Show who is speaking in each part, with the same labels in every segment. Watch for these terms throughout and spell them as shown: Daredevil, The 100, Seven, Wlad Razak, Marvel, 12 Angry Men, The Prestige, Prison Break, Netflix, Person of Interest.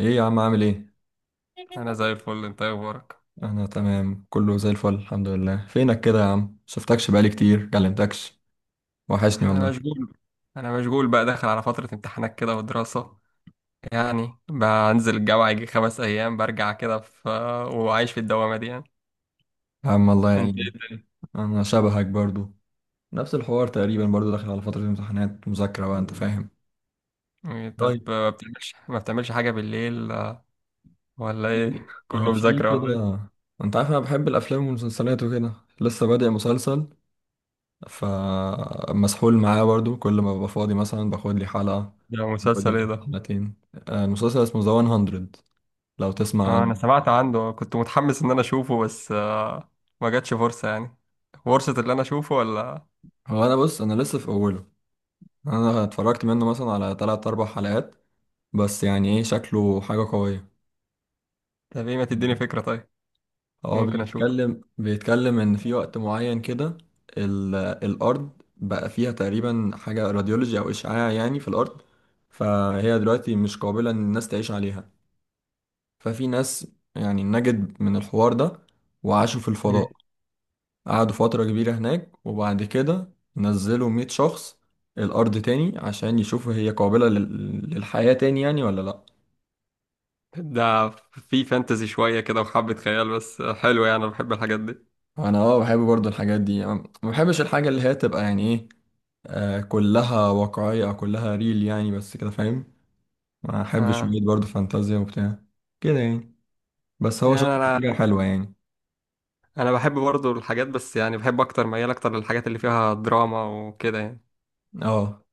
Speaker 1: ايه يا عم، عامل ايه؟
Speaker 2: انا زي الفل. انت إيه اخبارك؟
Speaker 1: انا تمام، كله زي الفل، الحمد لله. فينك كده يا عم؟ شفتكش بقالي كتير، كلمتكش. وحشني والله.
Speaker 2: انا مشغول. انا مشغول بقى، داخل على فترة امتحانات كده ودراسة. يعني بنزل الجامعة يجي خمس ايام برجع كده، في وعايش في الدوامة دي يعني.
Speaker 1: يا عم، الله
Speaker 2: انت ايه
Speaker 1: يعينك.
Speaker 2: الدنيا؟
Speaker 1: انا شبهك برضو. نفس الحوار تقريبا برضو، داخل على فترة امتحانات مذاكرة بقى، انت فاهم.
Speaker 2: طب
Speaker 1: طيب.
Speaker 2: ما بتعملش حاجة بالليل؟ ولا ايه؟
Speaker 1: انا
Speaker 2: كله
Speaker 1: في
Speaker 2: مذاكرة
Speaker 1: كده.
Speaker 2: ولا ايه؟
Speaker 1: انت عارف انا بحب الافلام والمسلسلات وكده. لسه بادئ مسلسل. فمسحول معاه برضو، كل ما ببقى فاضي مثلا باخد لي حلقة.
Speaker 2: ده مسلسل
Speaker 1: بدلت
Speaker 2: ايه ده؟
Speaker 1: حلقتين. المسلسل اسمه ذا 100. لو تسمع
Speaker 2: اه
Speaker 1: عنه.
Speaker 2: انا سمعت عنه، كنت متحمس ان انا اشوفه بس ما جاتش فرصة يعني. فرصة اللي انا اشوفه ولا؟
Speaker 1: هو انا بص، انا لسه في اوله. انا اتفرجت منه مثلا على تلات اربع حلقات. بس يعني ايه، شكله حاجة قوية.
Speaker 2: طب ايه، ما تديني
Speaker 1: آه.
Speaker 2: فكرة طيب؟
Speaker 1: هو
Speaker 2: ممكن اشوفه.
Speaker 1: بيتكلم ان في وقت معين كده. الارض بقى فيها تقريبا حاجة راديولوجي او اشعاع، يعني في الارض. فهي دلوقتي مش قابلة ان الناس تعيش عليها. ففي ناس، يعني نجد من الحوار ده، وعاشوا في الفضاء. قعدوا فترة كبيرة هناك، وبعد كده نزلوا 100 شخص الارض تاني، عشان يشوفوا هي قابلة للحياة تاني يعني ولا لا.
Speaker 2: ده في فانتزي شوية كده وحبة خيال، بس حلو يعني، أنا بحب الحاجات دي.
Speaker 1: انا اه بحب برضو الحاجات دي يعني. ما بحبش الحاجه اللي هي تبقى يعني ايه، كلها واقعيه او كلها ريل يعني، بس كده فاهم. ما احبش
Speaker 2: آه.
Speaker 1: شويه، برضو فانتازيا وبتاع كده يعني. بس هو
Speaker 2: يعني
Speaker 1: شكله
Speaker 2: أنا
Speaker 1: حاجه حلوه يعني.
Speaker 2: أنا بحب برضو الحاجات، بس يعني بحب أكتر، ميال أكتر للحاجات اللي فيها دراما وكده يعني.
Speaker 1: اه،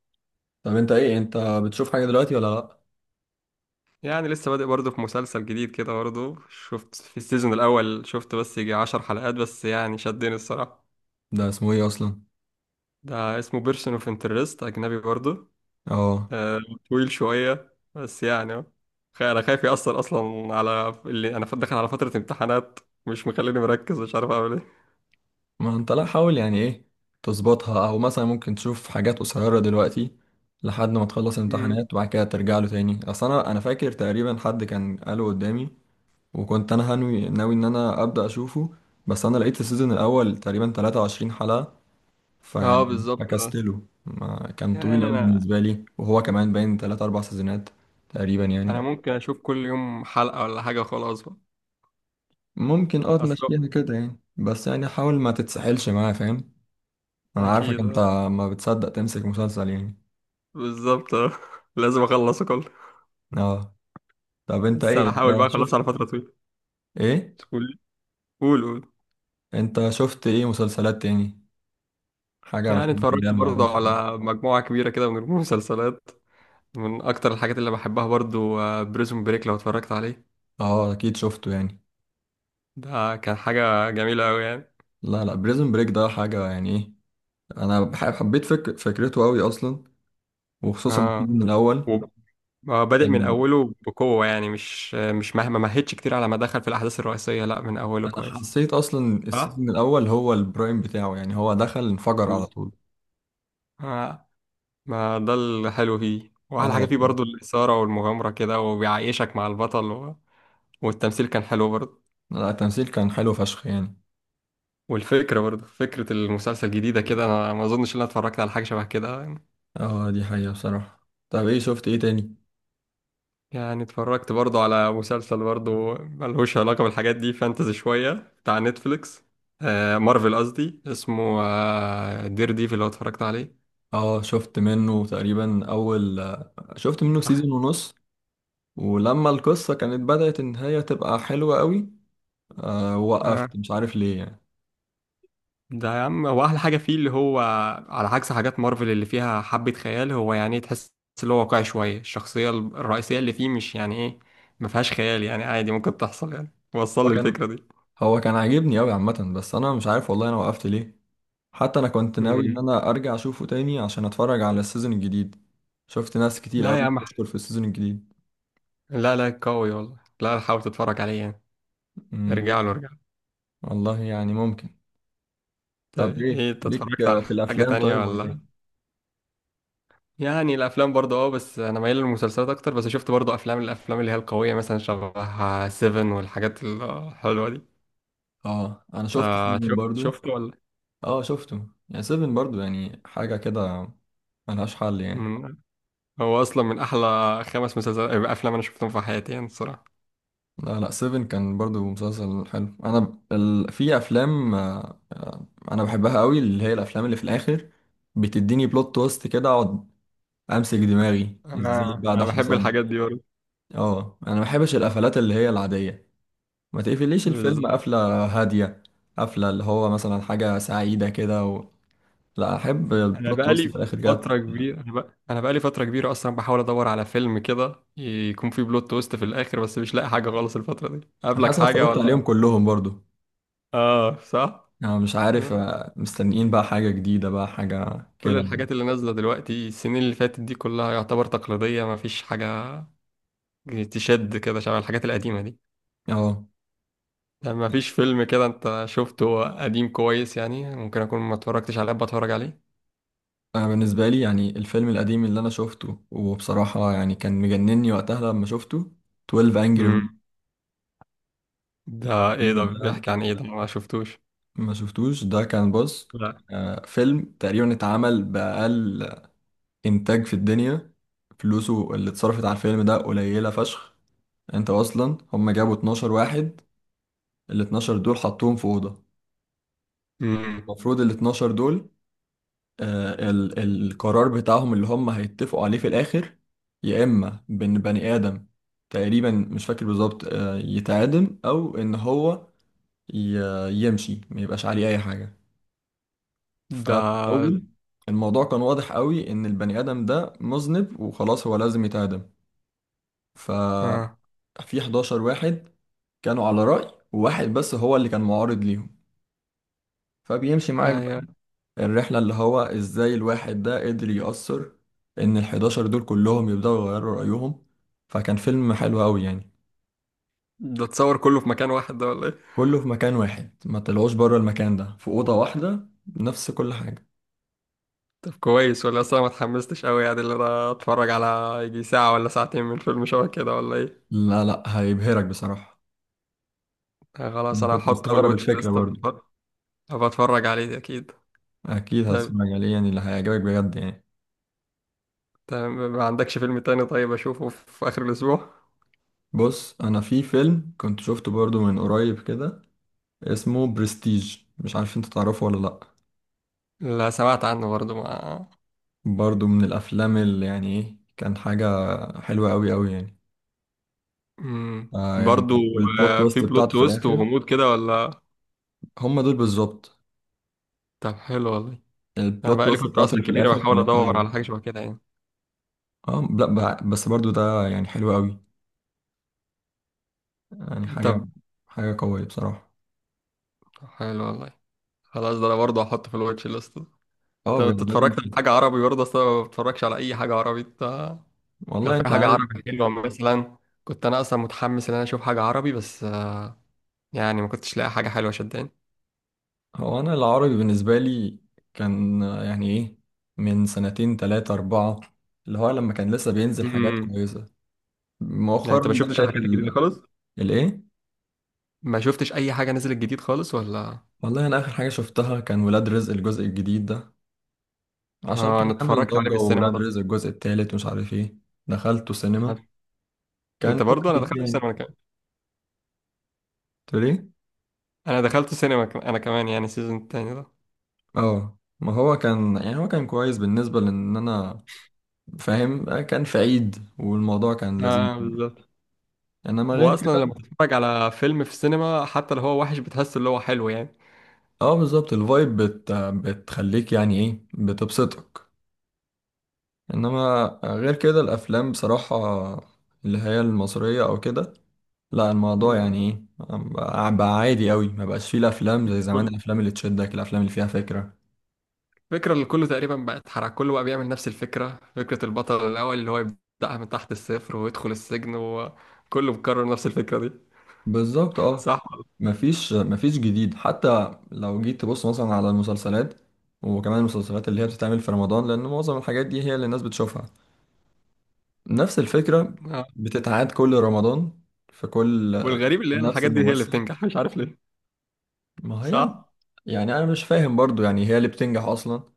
Speaker 1: طب انت ايه، انت بتشوف حاجه دلوقتي ولا لا؟
Speaker 2: يعني لسه بادئ برضو في مسلسل جديد كده برضو، شفت في السيزون الأول، شفت بس يجي عشر حلقات بس يعني شدني الصراحة.
Speaker 1: ده اسمه ايه اصلا؟
Speaker 2: ده اسمه بيرسون اوف انترست، أجنبي برضو.
Speaker 1: اه،
Speaker 2: آه. طويل شوية بس يعني أهو. أنا خايف يأثر أصلا على اللي، أنا داخل على فترة امتحانات، مش مخليني مركز، مش عارف أعمل
Speaker 1: ما انت لا حاول يعني ايه، تظبطها، او مثلا ممكن تشوف حاجات قصيره دلوقتي لحد ما تخلص
Speaker 2: إيه.
Speaker 1: الامتحانات، وبعد كده ترجع له تاني. اصل انا فاكر تقريبا حد كان قاله قدامي، وكنت انا ناوي ان انا ابدا اشوفه. بس انا لقيت السيزون الاول تقريبا 23 حلقة،
Speaker 2: اه
Speaker 1: فيعني
Speaker 2: بالظبط اه.
Speaker 1: فكستله ما كان
Speaker 2: يعني
Speaker 1: طويل قوي
Speaker 2: انا
Speaker 1: بالنسبة لي، وهو كمان باين 3 4 سيزونات تقريبا
Speaker 2: انا
Speaker 1: يعني.
Speaker 2: ممكن اشوف كل يوم حلقة ولا حاجة، خلاص بقى.
Speaker 1: ممكن اه
Speaker 2: اصل
Speaker 1: تمشيها كده يعني، بس يعني حاول ما تتسحلش معاه، فاهم. انا عارفك
Speaker 2: اكيد
Speaker 1: انت،
Speaker 2: اه.
Speaker 1: ما بتصدق تمسك مسلسل يعني.
Speaker 2: بالظبط اه. لازم اخلصه كله.
Speaker 1: اه، طب انت
Speaker 2: بس
Speaker 1: ايه،
Speaker 2: هحاول بقى اخلصه على فترة طويلة.
Speaker 1: ايه
Speaker 2: قول. قول.
Speaker 1: انت شفت ايه مسلسلات تاني؟ حاجة من
Speaker 2: يعني
Speaker 1: الحاجات اللي هي
Speaker 2: اتفرجت
Speaker 1: المعروفة
Speaker 2: برضه
Speaker 1: دي؟
Speaker 2: على مجموعة كبيرة كده من المسلسلات. من اكتر الحاجات اللي بحبها برضه بريزون بريك، لو اتفرجت عليه.
Speaker 1: اه، اكيد شفته يعني.
Speaker 2: ده كان حاجة جميلة قوي يعني.
Speaker 1: لا، لا، بريزون بريك ده حاجة يعني ايه. انا حبيت فكرته قوي اصلا، وخصوصا
Speaker 2: اه
Speaker 1: السيزون الاول.
Speaker 2: و- بادئ من
Speaker 1: كان،
Speaker 2: اوله بقوة يعني، مش مهدش كتير على ما دخل في الاحداث الرئيسية، لا من اوله
Speaker 1: انا
Speaker 2: كويس.
Speaker 1: حسيت اصلا
Speaker 2: اه.
Speaker 1: السيزون الاول هو البرايم بتاعه، يعني هو دخل انفجر على طول.
Speaker 2: آه، ما ده الحلو فيه، واحلى
Speaker 1: اه،
Speaker 2: حاجه فيه برضو
Speaker 1: بصراحة.
Speaker 2: الاثاره والمغامره كده، وبيعيشك مع البطل و... والتمثيل كان حلو برضو.
Speaker 1: لا، التمثيل كان حلو فشخ يعني.
Speaker 2: والفكره برضو، فكره المسلسل جديده كده، انا ما اظنش ان انا اتفرجت على حاجه شبه كده.
Speaker 1: اه، دي حقيقة بصراحة. طب ايه، شفت ايه تاني؟
Speaker 2: يعني اتفرجت برضو على مسلسل برضو ملهوش علاقه بالحاجات دي، فانتزي شويه، بتاع نتفليكس. مارفل قصدي، اسمه دير ديفل، لو اتفرجت عليه.
Speaker 1: اه، شفت منه تقريبا اول شفت منه سيزون ونص. ولما القصة كانت بدأت ان هي تبقى حلوة قوي،
Speaker 2: آه.
Speaker 1: وقفت، مش عارف ليه يعني.
Speaker 2: ده يا عم هو احلى حاجه فيه، اللي هو على عكس حاجات مارفل اللي فيها حبه خيال، هو يعني تحس اللي هو واقعي شويه. الشخصيه الرئيسيه اللي فيه مش يعني ايه، ما فيهاش خيال يعني، عادي ممكن تحصل يعني، وصل
Speaker 1: هو
Speaker 2: لي
Speaker 1: كان
Speaker 2: الفكره دي.
Speaker 1: هو كان عاجبني قوي عامة، بس انا مش عارف والله انا وقفت ليه. حتى انا كنت ناوي ان
Speaker 2: مم.
Speaker 1: انا ارجع اشوفه تاني عشان اتفرج على السيزون الجديد. شفت ناس كتير
Speaker 2: لا يا
Speaker 1: قوي
Speaker 2: عم،
Speaker 1: بتشكر في السيزون الجديد.
Speaker 2: لا قوي والله، لا حاول تتفرج عليه يعني.
Speaker 1: امم
Speaker 2: ارجع له.
Speaker 1: والله يعني ممكن.
Speaker 2: طب
Speaker 1: طب ايه،
Speaker 2: ايه، انت
Speaker 1: ليك
Speaker 2: اتفرجت على
Speaker 1: في
Speaker 2: حاجه
Speaker 1: الافلام
Speaker 2: تانية
Speaker 1: طيب ولا
Speaker 2: ولا؟
Speaker 1: ايه؟
Speaker 2: يعني الافلام برضه اه، بس انا مايل للمسلسلات اكتر، بس شفت برضه افلام، الافلام اللي هي القويه مثلا شبه سيفن والحاجات الحلوه دي.
Speaker 1: اه، انا شفت
Speaker 2: انت
Speaker 1: سيفن
Speaker 2: شفت
Speaker 1: برضو.
Speaker 2: شفت ولا؟
Speaker 1: اه، شفته يعني، سيفن برضو يعني حاجة كده، ملهاش حل يعني.
Speaker 2: مم، هو اصلا من احلى خمس مسلسلات، افلام انا شفتهم في حياتي يعني الصراحه.
Speaker 1: لا، لا، سيفن كان برضو مسلسل حلو. انا في افلام، انا بحبها قوي، اللي هي الافلام اللي في الاخر بتديني بلوت تويست كده، اقعد امسك دماغي، ازاي
Speaker 2: آه.
Speaker 1: بقى ده
Speaker 2: انا بحب
Speaker 1: حصل.
Speaker 2: الحاجات دي برضه.
Speaker 1: اه، انا ما بحبش القفلات اللي هي العاديه. ما تقفليش الفيلم
Speaker 2: بالظبط.
Speaker 1: قفله هاديه، قفله اللي هو مثلا حاجه سعيده كده و، لا احب
Speaker 2: انا
Speaker 1: البلوت تويست في
Speaker 2: بقالي
Speaker 1: الاخر جت.
Speaker 2: فتره كبيره، انا بقالي فتره كبيره اصلا بحاول ادور على فيلم كده يكون فيه بلوت تويست في الاخر، بس مش لاقي حاجه خالص. الفتره دي
Speaker 1: انا
Speaker 2: قابلك
Speaker 1: حاسس إن
Speaker 2: حاجه
Speaker 1: اتفرجت عليهم
Speaker 2: ولا؟
Speaker 1: كلهم برضو.
Speaker 2: اه صح.
Speaker 1: انا مش عارف، مستنيين بقى حاجه جديده، بقى حاجه
Speaker 2: كل
Speaker 1: كده يعني.
Speaker 2: الحاجات اللي نازله دلوقتي، السنين اللي فاتت دي كلها يعتبر تقليديه، ما فيش حاجه تشد كده شبه الحاجات القديمه دي.
Speaker 1: اه،
Speaker 2: يعني ما فيش فيلم كده انت شفته قديم كويس، يعني ممكن اكون ما اتفرجتش عليه، بتفرج عليه.
Speaker 1: انا بالنسبه لي يعني الفيلم القديم اللي انا شفته وبصراحه يعني كان مجنني وقتها لما شفته، 12 انجري Men.
Speaker 2: امم. ده ايه ده،
Speaker 1: الفيلم ده،
Speaker 2: بيحكي عن ايه ده؟ انا ما شفتوش.
Speaker 1: ما شفتوش؟ ده كان، بص،
Speaker 2: لا.
Speaker 1: فيلم تقريبا اتعمل بأقل انتاج في الدنيا. فلوسه اللي اتصرفت على الفيلم ده قليلة فشخ. انت اصلا، هم جابوا 12 واحد. ال 12 دول حطوهم في أوضة.
Speaker 2: امم.
Speaker 1: المفروض ال 12 دول، ال القرار بتاعهم اللي هم هيتفقوا عليه في الآخر، يا إما بإن بني آدم، تقريبا مش فاكر بالظبط، يتعدم، أو إن هو يمشي ما يبقاش عليه أي حاجة. ففي
Speaker 2: ده
Speaker 1: الأول الموضوع كان واضح قوي إن البني آدم ده مذنب وخلاص، هو لازم يتعدم. ف
Speaker 2: اه.
Speaker 1: في 11 واحد كانوا على رأي، وواحد بس هو اللي كان معارض ليهم. فبيمشي معاك
Speaker 2: ايوه.
Speaker 1: بقى الرحلة، اللي هو ازاي الواحد ده قدر يأثر ان ال 11 دول كلهم يبدأوا يغيروا رأيهم. فكان فيلم حلو قوي يعني.
Speaker 2: ده اتصور كله في مكان واحد ده ولا ايه؟
Speaker 1: كله في مكان واحد، ما طلعوش بره المكان ده، في أوضة واحدة، نفس كل حاجة.
Speaker 2: طب كويس ولا اصلا ما اتحمستش قوي يعني، اللي انا اتفرج على يجي ساعة ولا ساعتين من فيلم شبه كده ولا ايه؟
Speaker 1: لا، لا، هيبهرك بصراحة.
Speaker 2: آه خلاص
Speaker 1: أنا
Speaker 2: انا
Speaker 1: كنت
Speaker 2: هحطه في
Speaker 1: مستغرب
Speaker 2: الواتش
Speaker 1: الفكرة
Speaker 2: ليست.
Speaker 1: برضو.
Speaker 2: أبقى اتفرج عليه اكيد.
Speaker 1: أكيد
Speaker 2: طب.
Speaker 1: هتسمع عليه يعني، اللي هيعجبك بجد يعني.
Speaker 2: طب ما عندكش فيلم تاني طيب اشوفه في اخر الاسبوع؟
Speaker 1: بص، أنا في فيلم كنت شفته برضو من قريب كده، اسمه برستيج، مش عارف انت تعرفه ولا لأ.
Speaker 2: لا سمعت عنه برضو ما.
Speaker 1: برضو من الأفلام اللي يعني ايه، كان حاجة حلوة أوي أوي يعني. يعني،
Speaker 2: برضو.
Speaker 1: والبلوت
Speaker 2: في
Speaker 1: تويست
Speaker 2: بلوت
Speaker 1: بتاعته في
Speaker 2: تويست
Speaker 1: الآخر،
Speaker 2: وغموض كده ولا؟
Speaker 1: هم دول بالظبط.
Speaker 2: طب حلو والله. انا
Speaker 1: البلوت
Speaker 2: بقالي
Speaker 1: تويست
Speaker 2: فتره
Speaker 1: بتاعته
Speaker 2: اصلا
Speaker 1: اللي في
Speaker 2: كبيره
Speaker 1: الآخر
Speaker 2: بحاول
Speaker 1: كانت حلوة
Speaker 2: ادور
Speaker 1: أوي.
Speaker 2: على حاجه شبه كده يعني.
Speaker 1: اه، لا، بس برضو ده يعني حلو أوي، يعني حاجة،
Speaker 2: طب
Speaker 1: حاجة قوية بصراحة.
Speaker 2: حلو والله. خلاص ده انا برضه هحطه في الواتش ليست.
Speaker 1: اه،
Speaker 2: طب
Speaker 1: بجد
Speaker 2: انت
Speaker 1: لازم.
Speaker 2: اتفرجت على حاجه عربي برضه؟ اصلا ما بتفرجش على اي حاجه عربي انت؟ لو
Speaker 1: والله
Speaker 2: في
Speaker 1: انت
Speaker 2: حاجه
Speaker 1: عارف،
Speaker 2: عربي حلوه مثلا، كنت انا اصلا متحمس ان انا اشوف حاجه عربي، بس يعني ما كنتش لاقي حاجه حلوه شداني.
Speaker 1: هو أنا العربي بالنسبة لي كان، يعني ايه، من سنتين تلاتة أربعة، اللي هو لما كان لسه بينزل حاجات
Speaker 2: امم.
Speaker 1: كويسة.
Speaker 2: يعني
Speaker 1: مؤخرا
Speaker 2: انت ما شفتش
Speaker 1: بدأت
Speaker 2: الحاجات الجديده خالص؟
Speaker 1: الايه؟
Speaker 2: ما شفتش اي حاجه نزلت جديد خالص ولا؟
Speaker 1: والله انا اخر حاجة شفتها كان ولاد رزق الجزء الجديد ده، عشان
Speaker 2: اه
Speaker 1: كده
Speaker 2: انا
Speaker 1: عامل
Speaker 2: اتفرجت عليه
Speaker 1: ضجة،
Speaker 2: في السينما
Speaker 1: وولاد
Speaker 2: ده.
Speaker 1: رزق الجزء التالت ومش عارف ايه. دخلته سينما،
Speaker 2: أنا-
Speaker 1: كان
Speaker 2: انت برضه، انا
Speaker 1: كويس
Speaker 2: دخلت
Speaker 1: يعني.
Speaker 2: السينما انا كمان.
Speaker 1: تقول ايه؟
Speaker 2: انا دخلت السينما انا كمان يعني السيزون التاني ده.
Speaker 1: اه، ما هو كان، يعني هو كان كويس بالنسبة لان انا فاهم، كان في عيد والموضوع كان لذيذ.
Speaker 2: اه بالظبط.
Speaker 1: انما
Speaker 2: هو
Speaker 1: غير
Speaker 2: اصلا لما
Speaker 1: كده،
Speaker 2: تتفرج على فيلم في السينما حتى لو هو وحش بتحس اللي هو حلو يعني.
Speaker 1: اه بالظبط، الفايب بتخليك يعني ايه، بتبسطك. انما غير كده الافلام بصراحة، اللي هي المصرية او كده، لا الموضوع
Speaker 2: مم.
Speaker 1: يعني ايه، بقى عادي قوي، ما بقاش فيه الافلام زي زمان،
Speaker 2: كل
Speaker 1: الافلام اللي تشدك، الافلام اللي فيها فكرة.
Speaker 2: الفكرة اللي كله تقريبا بقى اتحرق، كله بقى بيعمل نفس الفكرة، فكرة البطل الأول اللي هو يبدأها من تحت الصفر ويدخل السجن، وكله بيكرر نفس الفكرة دي.
Speaker 1: بالظبط اه،
Speaker 2: صح.
Speaker 1: مفيش جديد، حتى لو جيت تبص مثلا على المسلسلات، وكمان المسلسلات اللي هي بتتعمل في رمضان، لان معظم الحاجات دي هي اللي الناس بتشوفها. نفس الفكرة
Speaker 2: آه.
Speaker 1: بتتعاد كل رمضان، في كل،
Speaker 2: والغريب اللي هي
Speaker 1: نفس
Speaker 2: الحاجات دي هي اللي
Speaker 1: الممثل.
Speaker 2: بتنجح، مش عارف ليه.
Speaker 1: ما هي،
Speaker 2: صح.
Speaker 1: يعني انا مش فاهم برضو يعني هي اللي بتنجح اصلا،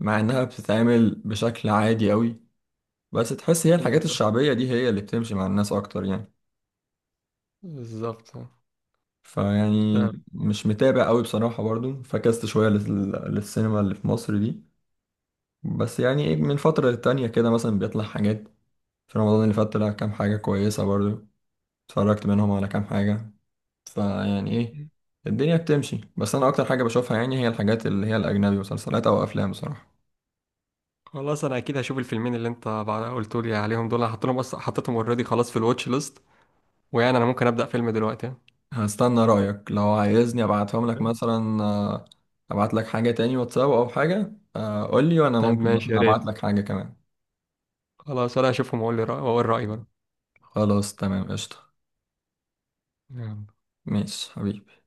Speaker 1: مع انها بتتعمل بشكل عادي قوي. بس تحس هي الحاجات
Speaker 2: بالظبط.
Speaker 1: الشعبية دي هي اللي بتمشي مع الناس أكتر يعني.
Speaker 2: بالظبط آه.
Speaker 1: فيعني
Speaker 2: تمام.
Speaker 1: مش متابع أوي بصراحة، برضو فكست شوية للسينما اللي في مصر دي. بس يعني إيه، من فترة للتانية كده مثلا بيطلع حاجات. في رمضان اللي فات طلع كام حاجة كويسة برضو، اتفرجت منهم على كام حاجة. فيعني إيه، الدنيا بتمشي، بس أنا أكتر حاجة بشوفها يعني هي الحاجات اللي هي الأجنبي، مسلسلات أو أفلام بصراحة.
Speaker 2: خلاص انا اكيد هشوف الفيلمين اللي انت بعد قلت لي عليهم دول، انا حطيتهم بس، حطيتهم اوريدي خلاص في الواتش ليست. ويعني انا ممكن ابدا فيلم دلوقتي.
Speaker 1: هستنى رأيك لو عايزني ابعتهم لك
Speaker 2: يعني.
Speaker 1: مثلا، ابعت لك حاجة تاني واتساب او حاجة، قول لي وانا
Speaker 2: طب
Speaker 1: ممكن
Speaker 2: ماشي يا
Speaker 1: مثلا ابعت
Speaker 2: ريت.
Speaker 1: لك حاجة كمان.
Speaker 2: خلاص ولا اشوفهم واقول لي رأي، واقول رأيي برضه.
Speaker 1: خلاص تمام، قشطة.
Speaker 2: يلا.
Speaker 1: ماشي حبيبي.